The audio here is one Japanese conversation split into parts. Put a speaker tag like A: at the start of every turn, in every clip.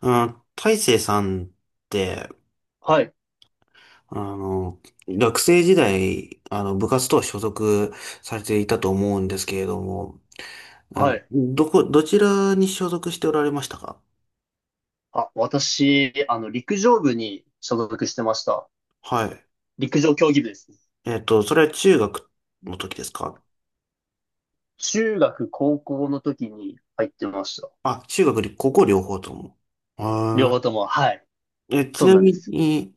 A: あ、大成さんって、
B: はい、
A: あの、学生時代、部活と所属されていたと思うんですけれども、
B: はい。
A: どちらに所属しておられましたか？
B: あ、私、陸上部に所属してました。
A: はい。
B: 陸上競技部ですね。
A: それは中学の時ですか？
B: 中学、高校の時に入ってました。
A: あ、中学り、高校両方とも。
B: 両
A: は
B: 方とも、はい。
A: いえ、ち
B: そう
A: な
B: なんで
A: み
B: す。
A: に、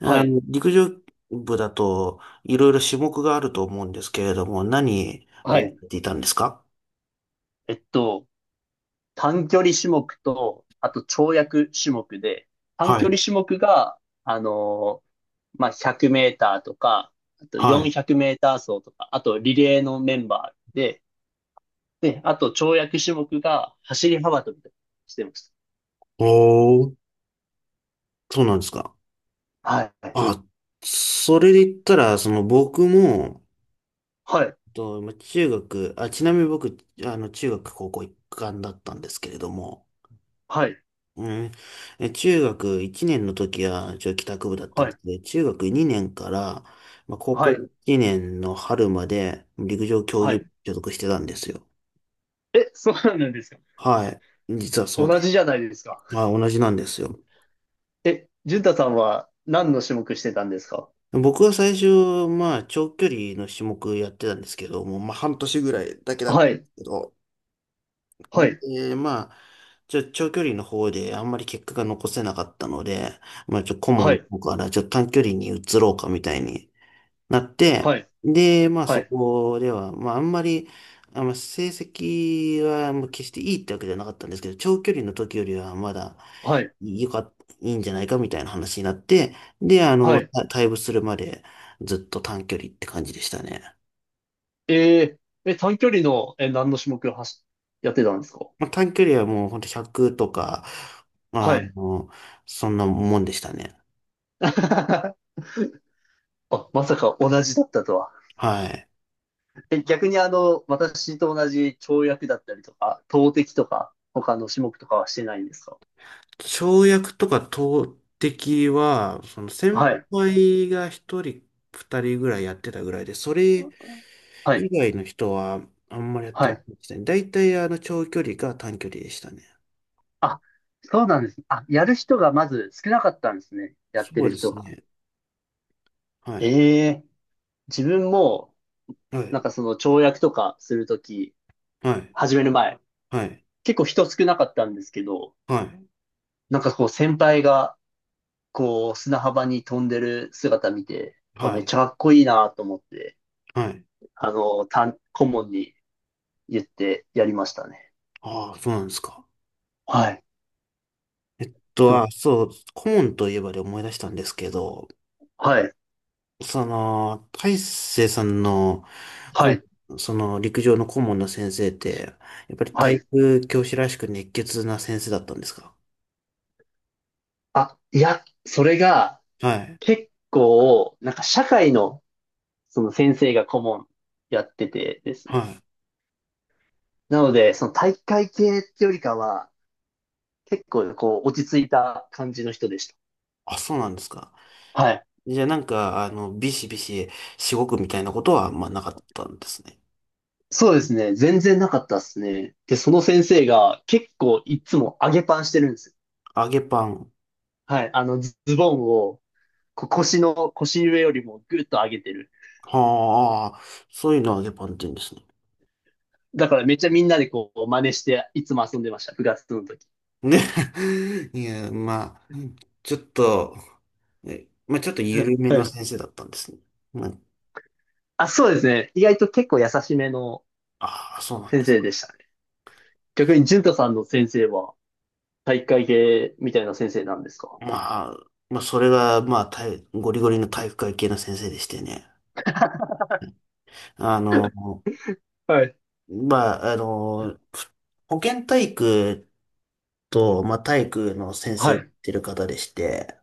B: はい、
A: 陸上部だと、いろいろ種目があると思うんですけれども、何を
B: は
A: や
B: い。
A: っていたんですか？
B: えっと、短距離種目と、あと跳躍種目で、短
A: は
B: 距
A: い。
B: 離種目が、あのーまあ、100メーターとか、あと
A: はい。
B: 400メーター走とか、あとリレーのメンバーで、で、あと跳躍種目が走り幅跳びとかしてまし
A: おー。そうなんですか。
B: た。はい。
A: あ、それで言ったら、僕も、
B: はい、
A: まあ中学、あ、ちなみに僕、中学高校一貫だったんですけれども、
B: はい、
A: うん、中学1年の時は、一応帰宅部だったん
B: は
A: で
B: い、
A: すけど、中学2年から、まあ、高
B: は
A: 校
B: い、
A: 1年の春まで陸上競
B: は
A: 技部
B: い。
A: に所属してたんですよ。
B: え、そうなんですか。
A: はい。実はそうで。
B: 同じじゃないですか。
A: あ、同じなんですよ。
B: え、淳太さんは何の種目してたんですか？
A: 僕は最初、まあ、長距離の種目やってたんですけども、まあ、半年ぐらいだけだった。
B: はい、
A: けど、
B: はい、
A: えまあ、ちょ、長距離の方であんまり結果が残せなかったので、まあ、顧問
B: は
A: の
B: い、
A: 方から、短距離に移ろうかみたいになって、
B: はい、
A: で、まあ、
B: は
A: そ
B: い、
A: こでは、まあ、あんまり、あ、まあ、成績はもう決していいってわけじゃなかったんですけど、長距離の時よりはまだ
B: はい、
A: よかっ、いいんじゃないかみたいな話になって、で、
B: はい。
A: 退部するまでずっと短距離って感じでしたね。
B: え短距離の、何の種目やってたんですか？
A: まあ、短距離はもうほんと100とか、まあ、
B: は
A: あ
B: い。
A: の、そんなもんでしたね。
B: あ、まさか同じだったとは。
A: はい。
B: え、逆に私と同じ跳躍だったりとか、投擲とか、他の種目とかはしてないんですか？
A: 跳躍とか投擲は、その
B: は
A: 先
B: い、
A: 輩が1人、2人ぐらいやってたぐらいで、それ
B: は
A: 以
B: い、
A: 外の人はあんまりやって
B: は
A: ま
B: い。
A: せんでしたね。大体あの長距離か短距離でしたね。
B: あ、そうなんです。あ、やる人がまず少なかったんですね。や
A: そ
B: って
A: う
B: る
A: で
B: 人
A: す
B: が。
A: ね。はい。
B: ええ、自分も、
A: は
B: なん
A: い。
B: かその跳躍とかするとき、
A: はい。
B: 始める前、
A: はい。
B: 結構人少なかったんですけど、
A: はい。
B: なんかこう先輩が、こう砂浜に飛んでる姿見て、あ、
A: は
B: めっ
A: い。
B: ちゃかっこいいなと思って、
A: はい。
B: 顧問に言ってやりましたね。
A: ああ、そうなんですか。
B: はい。ど
A: 顧問といえばで思い出したんですけど、
B: はい。
A: その、大成さんの、
B: は
A: 顧
B: い。
A: その陸上の顧問の先生って、やっぱり
B: は
A: 体
B: い。
A: 育教師らしく熱血な先生だったんですか？
B: あ、いや、それが
A: はい。
B: 結構、なんか社会のその先生が顧問やっててです
A: は
B: ね。
A: い。
B: なので、その体育会系ってよりかは、結構こう落ち着いた感じの人でした。
A: あ、そうなんですか。
B: はい。
A: じゃあなんか、ビシビシしごくみたいなことは、まあなかったんですね。
B: そうですね。全然なかったですね。で、その先生が結構いつも上げパンしてるんですよ。
A: 揚げパン。
B: はい。ズボンをこう腰の、腰上よりもぐっと上げてる。
A: はあ、そういうのを揚げパンって言うんですね。
B: だからめっちゃみんなでこう真似していつも遊んでました。部活の時。
A: ね。いや、まあ、ちょっと、えまあちょっと緩め
B: は
A: の
B: い。
A: 先生だったんですね。まあ、
B: あ、そうですね。意外と結構優しめの
A: ああ、そうなんで
B: 先
A: す。
B: 生でしたね。逆に、淳太さんの先生は体育会系みたいな先生なんですか？
A: まあ、まあ、それが、まあ、体ゴリゴリの体育会系の先生でしてね。あの、
B: はい。
A: まあ、あの、ふ保健体育と、まあ、体育の先生
B: は
A: やっ
B: い。
A: てる方でして、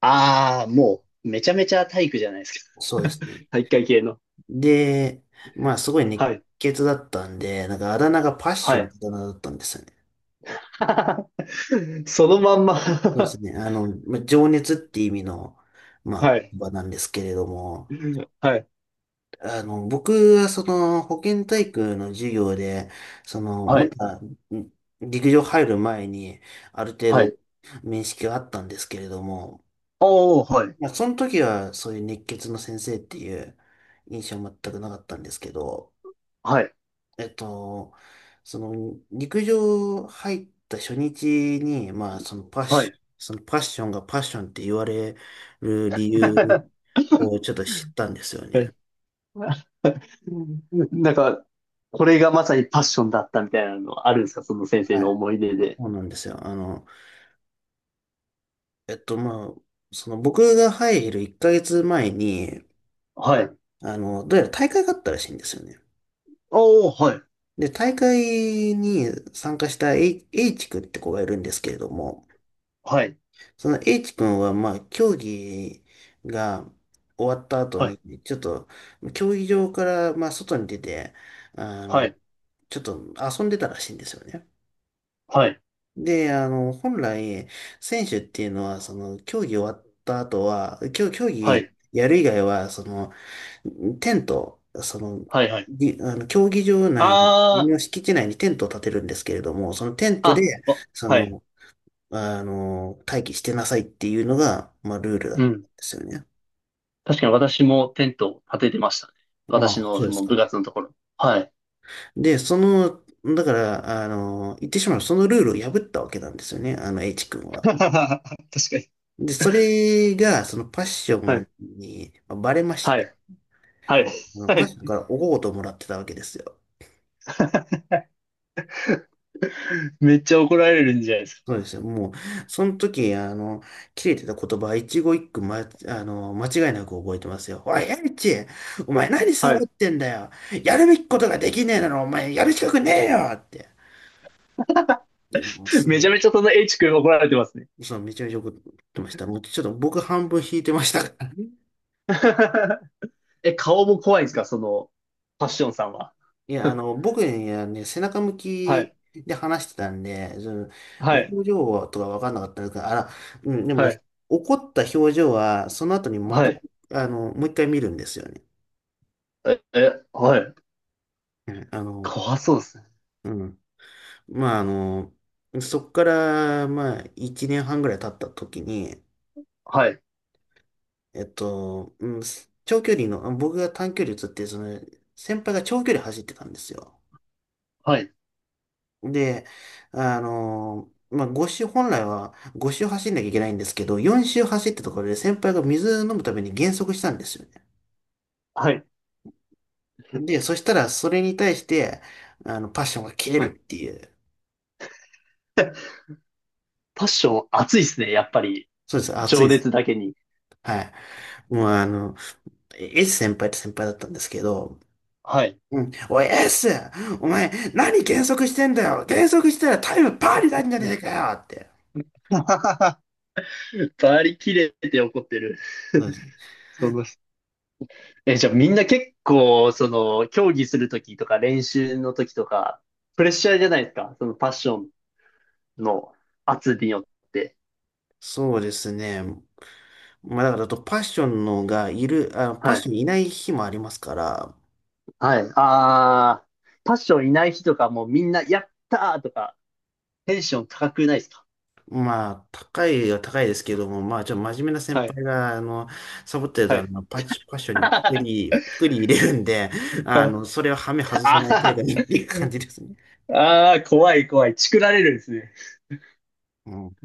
B: ああ、もう、めちゃめちゃ体育じゃないです
A: そうです
B: か。
A: ね。
B: 体育会系の。
A: で、まあ、すごい熱
B: はい。
A: 血だったんで、なんかあだ名がパッシ
B: は
A: ョンっ
B: い。
A: てあだ名だったんですよね。
B: そのまんま
A: そうです ね。まあ、情熱って意味の、まあ、
B: はい。
A: 場なんですけれども、
B: はい。
A: 僕はその保健体育の授業で、その、
B: は
A: ま
B: い。
A: だん陸上入る前にある程
B: はい。
A: 度面識はあったんですけれども、
B: おー、はい。
A: まあ、その時はそういう熱血の先生っていう印象は全くなかったんですけど、
B: はい。
A: えっと、その陸上入った初日に、まあそのパッ
B: は
A: シ、
B: い。
A: そのパッションがパッションって言われる理由 をちょっと知ったんですよ
B: は
A: ね。
B: い。なんか、これがまさにパッションだったみたいなのあるんですかその先生
A: は
B: の
A: い。
B: 思い出で。
A: そうなんですよ。まあ、その僕が入る1ヶ月前に、
B: はい。
A: どうやら大会があったらしいんですよね。
B: おー、はい。
A: で、大会に参加した H 君って子がいるんですけれども、
B: はい。
A: その H 君は、まあ、競技が終わった後
B: はい。
A: に、ちょっと、競技場から、まあ、外に出て、あ
B: は
A: の、
B: い。
A: ちょっと遊んでたらしいんですよね。
B: はい。
A: で、本来、選手っていうのは、その、競技終わった後は、競
B: は
A: 技
B: い。
A: やる以外は、その、テント、その、
B: はい。はい。
A: に、あの、競技場内
B: ああ。
A: の敷地内にテントを建てるんですけれども、そのテントで、
B: あ、あ
A: そ
B: はい。
A: の、待機してなさいっていうのが、まあ、ルールだっ
B: う
A: たん
B: ん。
A: ですよね。
B: 確かに私もテントを立ててましたね。
A: まあ、
B: 私の
A: そう
B: そ
A: です
B: の部
A: か。
B: 活のところ。はい。
A: で、その、だから、あの、言ってしまう、そのルールを破ったわけなんですよね、あの、H 君 は。
B: 確かに。
A: で、それが、そのパッショ
B: は
A: ン
B: い。
A: にまあバレまし
B: は
A: て、
B: い。はい。
A: あの
B: は
A: パッ
B: い。
A: ションからおごごとをもらってたわけですよ。
B: めっちゃ怒られるんじゃないです
A: そうですよ。もう、その時、切れてた言葉、一語一句、ま、あの、間違いなく覚えてますよ。おい、エリチ、お前何
B: か。
A: サ
B: は
A: ボ
B: い。
A: ってんだよ。やるべきことができねえなら、お前やる資格ねえよって。いや、もうす
B: めち
A: ぐ、
B: ゃめちゃその H 君怒られてますね。
A: そう、めちゃめちゃ怒ってました。もうちょっと僕半分引いてましたからね。
B: え、顔も怖いんですかその、パッションさんは？
A: いや、僕にはね、背中向
B: は
A: き
B: い。
A: で話してたんで、その、
B: はい。
A: 表情とかわかんなかったから、あら、うん、でも、
B: はい。
A: 怒った表情は、その後にま
B: は
A: た、
B: い。
A: もう一回見るんですよね。
B: え、え、はい。
A: ねあの、
B: 怖そうですね。
A: うん。まあ、そっから、まあ、1年半ぐらい経った時に、
B: はい。
A: えっと、うん、長距離の、僕が短距離移って、その、先輩が長距離走ってたんですよ。
B: はい。
A: で、まあ、5周、本来は5周走んなきゃいけないんですけど、4周走ったところで先輩が水飲むために減速したんですよね。
B: はい。
A: で、そしたら、それに対して、パッションが切れ
B: は
A: る
B: い。
A: っていう。
B: パッション熱いですね。やっぱり。
A: そうです。熱い
B: 情
A: です。
B: 熱だけに。
A: はい。もうあの、S 先輩って先輩だったんですけど、
B: はい。
A: うん。おい S！ お前、何減速してんだよ減速したらタイムパーになるんじゃねえかよって。
B: バリ切れて怒ってる。
A: そうです。
B: そのえ、じゃあみんな結構、その、競技するときとか練習のときとか、プレッシャーじゃないですか。そのパッションの圧によって。
A: そうですね。まあだからあとパッションのがいる、あ、パッ
B: は
A: シ
B: い。
A: ョンいない日もありますから、
B: はい。あー、パッションいない日とかもうみんな、やったーとか、テンション高くないですか？
A: まあ高いは高いですけども、まあちょっと真面目な先
B: はい。
A: 輩が、サボってる
B: は
A: と
B: い。
A: パッションにピク
B: あ
A: リ、ピクリ入れるんで、
B: はい。
A: それをはめ外さない程度
B: あ
A: にっていう感じですね。
B: ーあー、怖い怖い。チクられるんですね。
A: うん。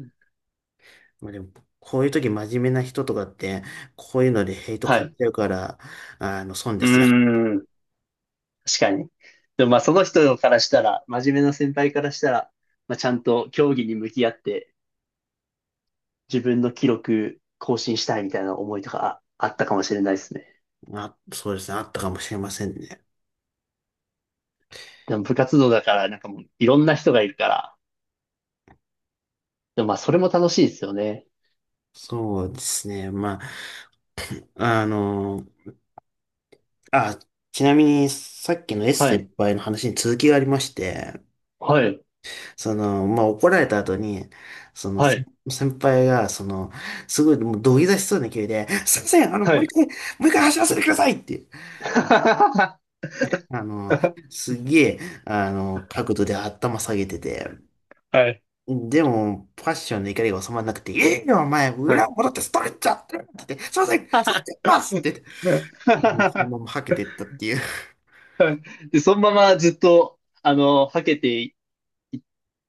A: まあでも、こういう時真面目な人とかって、こういうのでヘイト
B: はい。
A: 買っ
B: う
A: ちゃうから、損
B: ー
A: ですよ。
B: ん。確かに。でもまあその人からしたら、真面目な先輩からしたら、まあちゃんと競技に向き合って自分の記録更新したいみたいな思いとかあったかもしれないですね。
A: あ、そうですね。あったかもしれませんね。
B: でも部活動だからなんかもういろんな人がいるから、でもまあそれも楽しいですよね。
A: そうですね。あ、あの、あ、ちなみに、さっきの S
B: は
A: 先
B: い、
A: 輩の話に続きがありまして、
B: はい、
A: その、まあ、怒られた後に、その、
B: は
A: 先
B: い、
A: 先輩が、その、すごい、もう土下座しそうな勢いで、すいません、
B: はい。
A: もう一回走らせてくださいって、
B: は
A: あの、すっげえ、あの、角度で頭下げてて、
B: い、
A: でも、パッションの怒りが収まらなくて、いいよ、お前、
B: は
A: 裏
B: い。
A: を戻ってストレッチャーって言って、すいません、ストレッチャーますってあのそのままは けてったっていう。
B: で、そのままずっと、はけていっ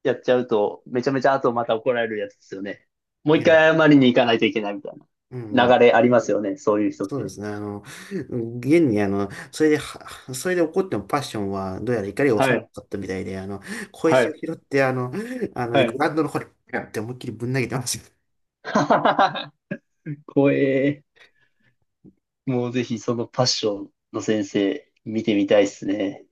B: やっちゃうと、めちゃめちゃ後また怒られるやつですよね。も う
A: い
B: 一
A: や、
B: 回謝りに行かないといけないみたい
A: う
B: な
A: ん、
B: 流れありますよね、そういう人っ
A: そうで
B: て。
A: すね。現に、それで怒ってもパッションは、どうやら怒りが
B: は
A: 収まら
B: い、
A: なかったみたいで、小
B: は
A: 石を
B: い、
A: 拾って、
B: は
A: グ
B: い。
A: ラウンドの方に、ピュンって思いっきりぶん投げてました。
B: 怖え。もうぜひそのパッションの先生見てみたいですね。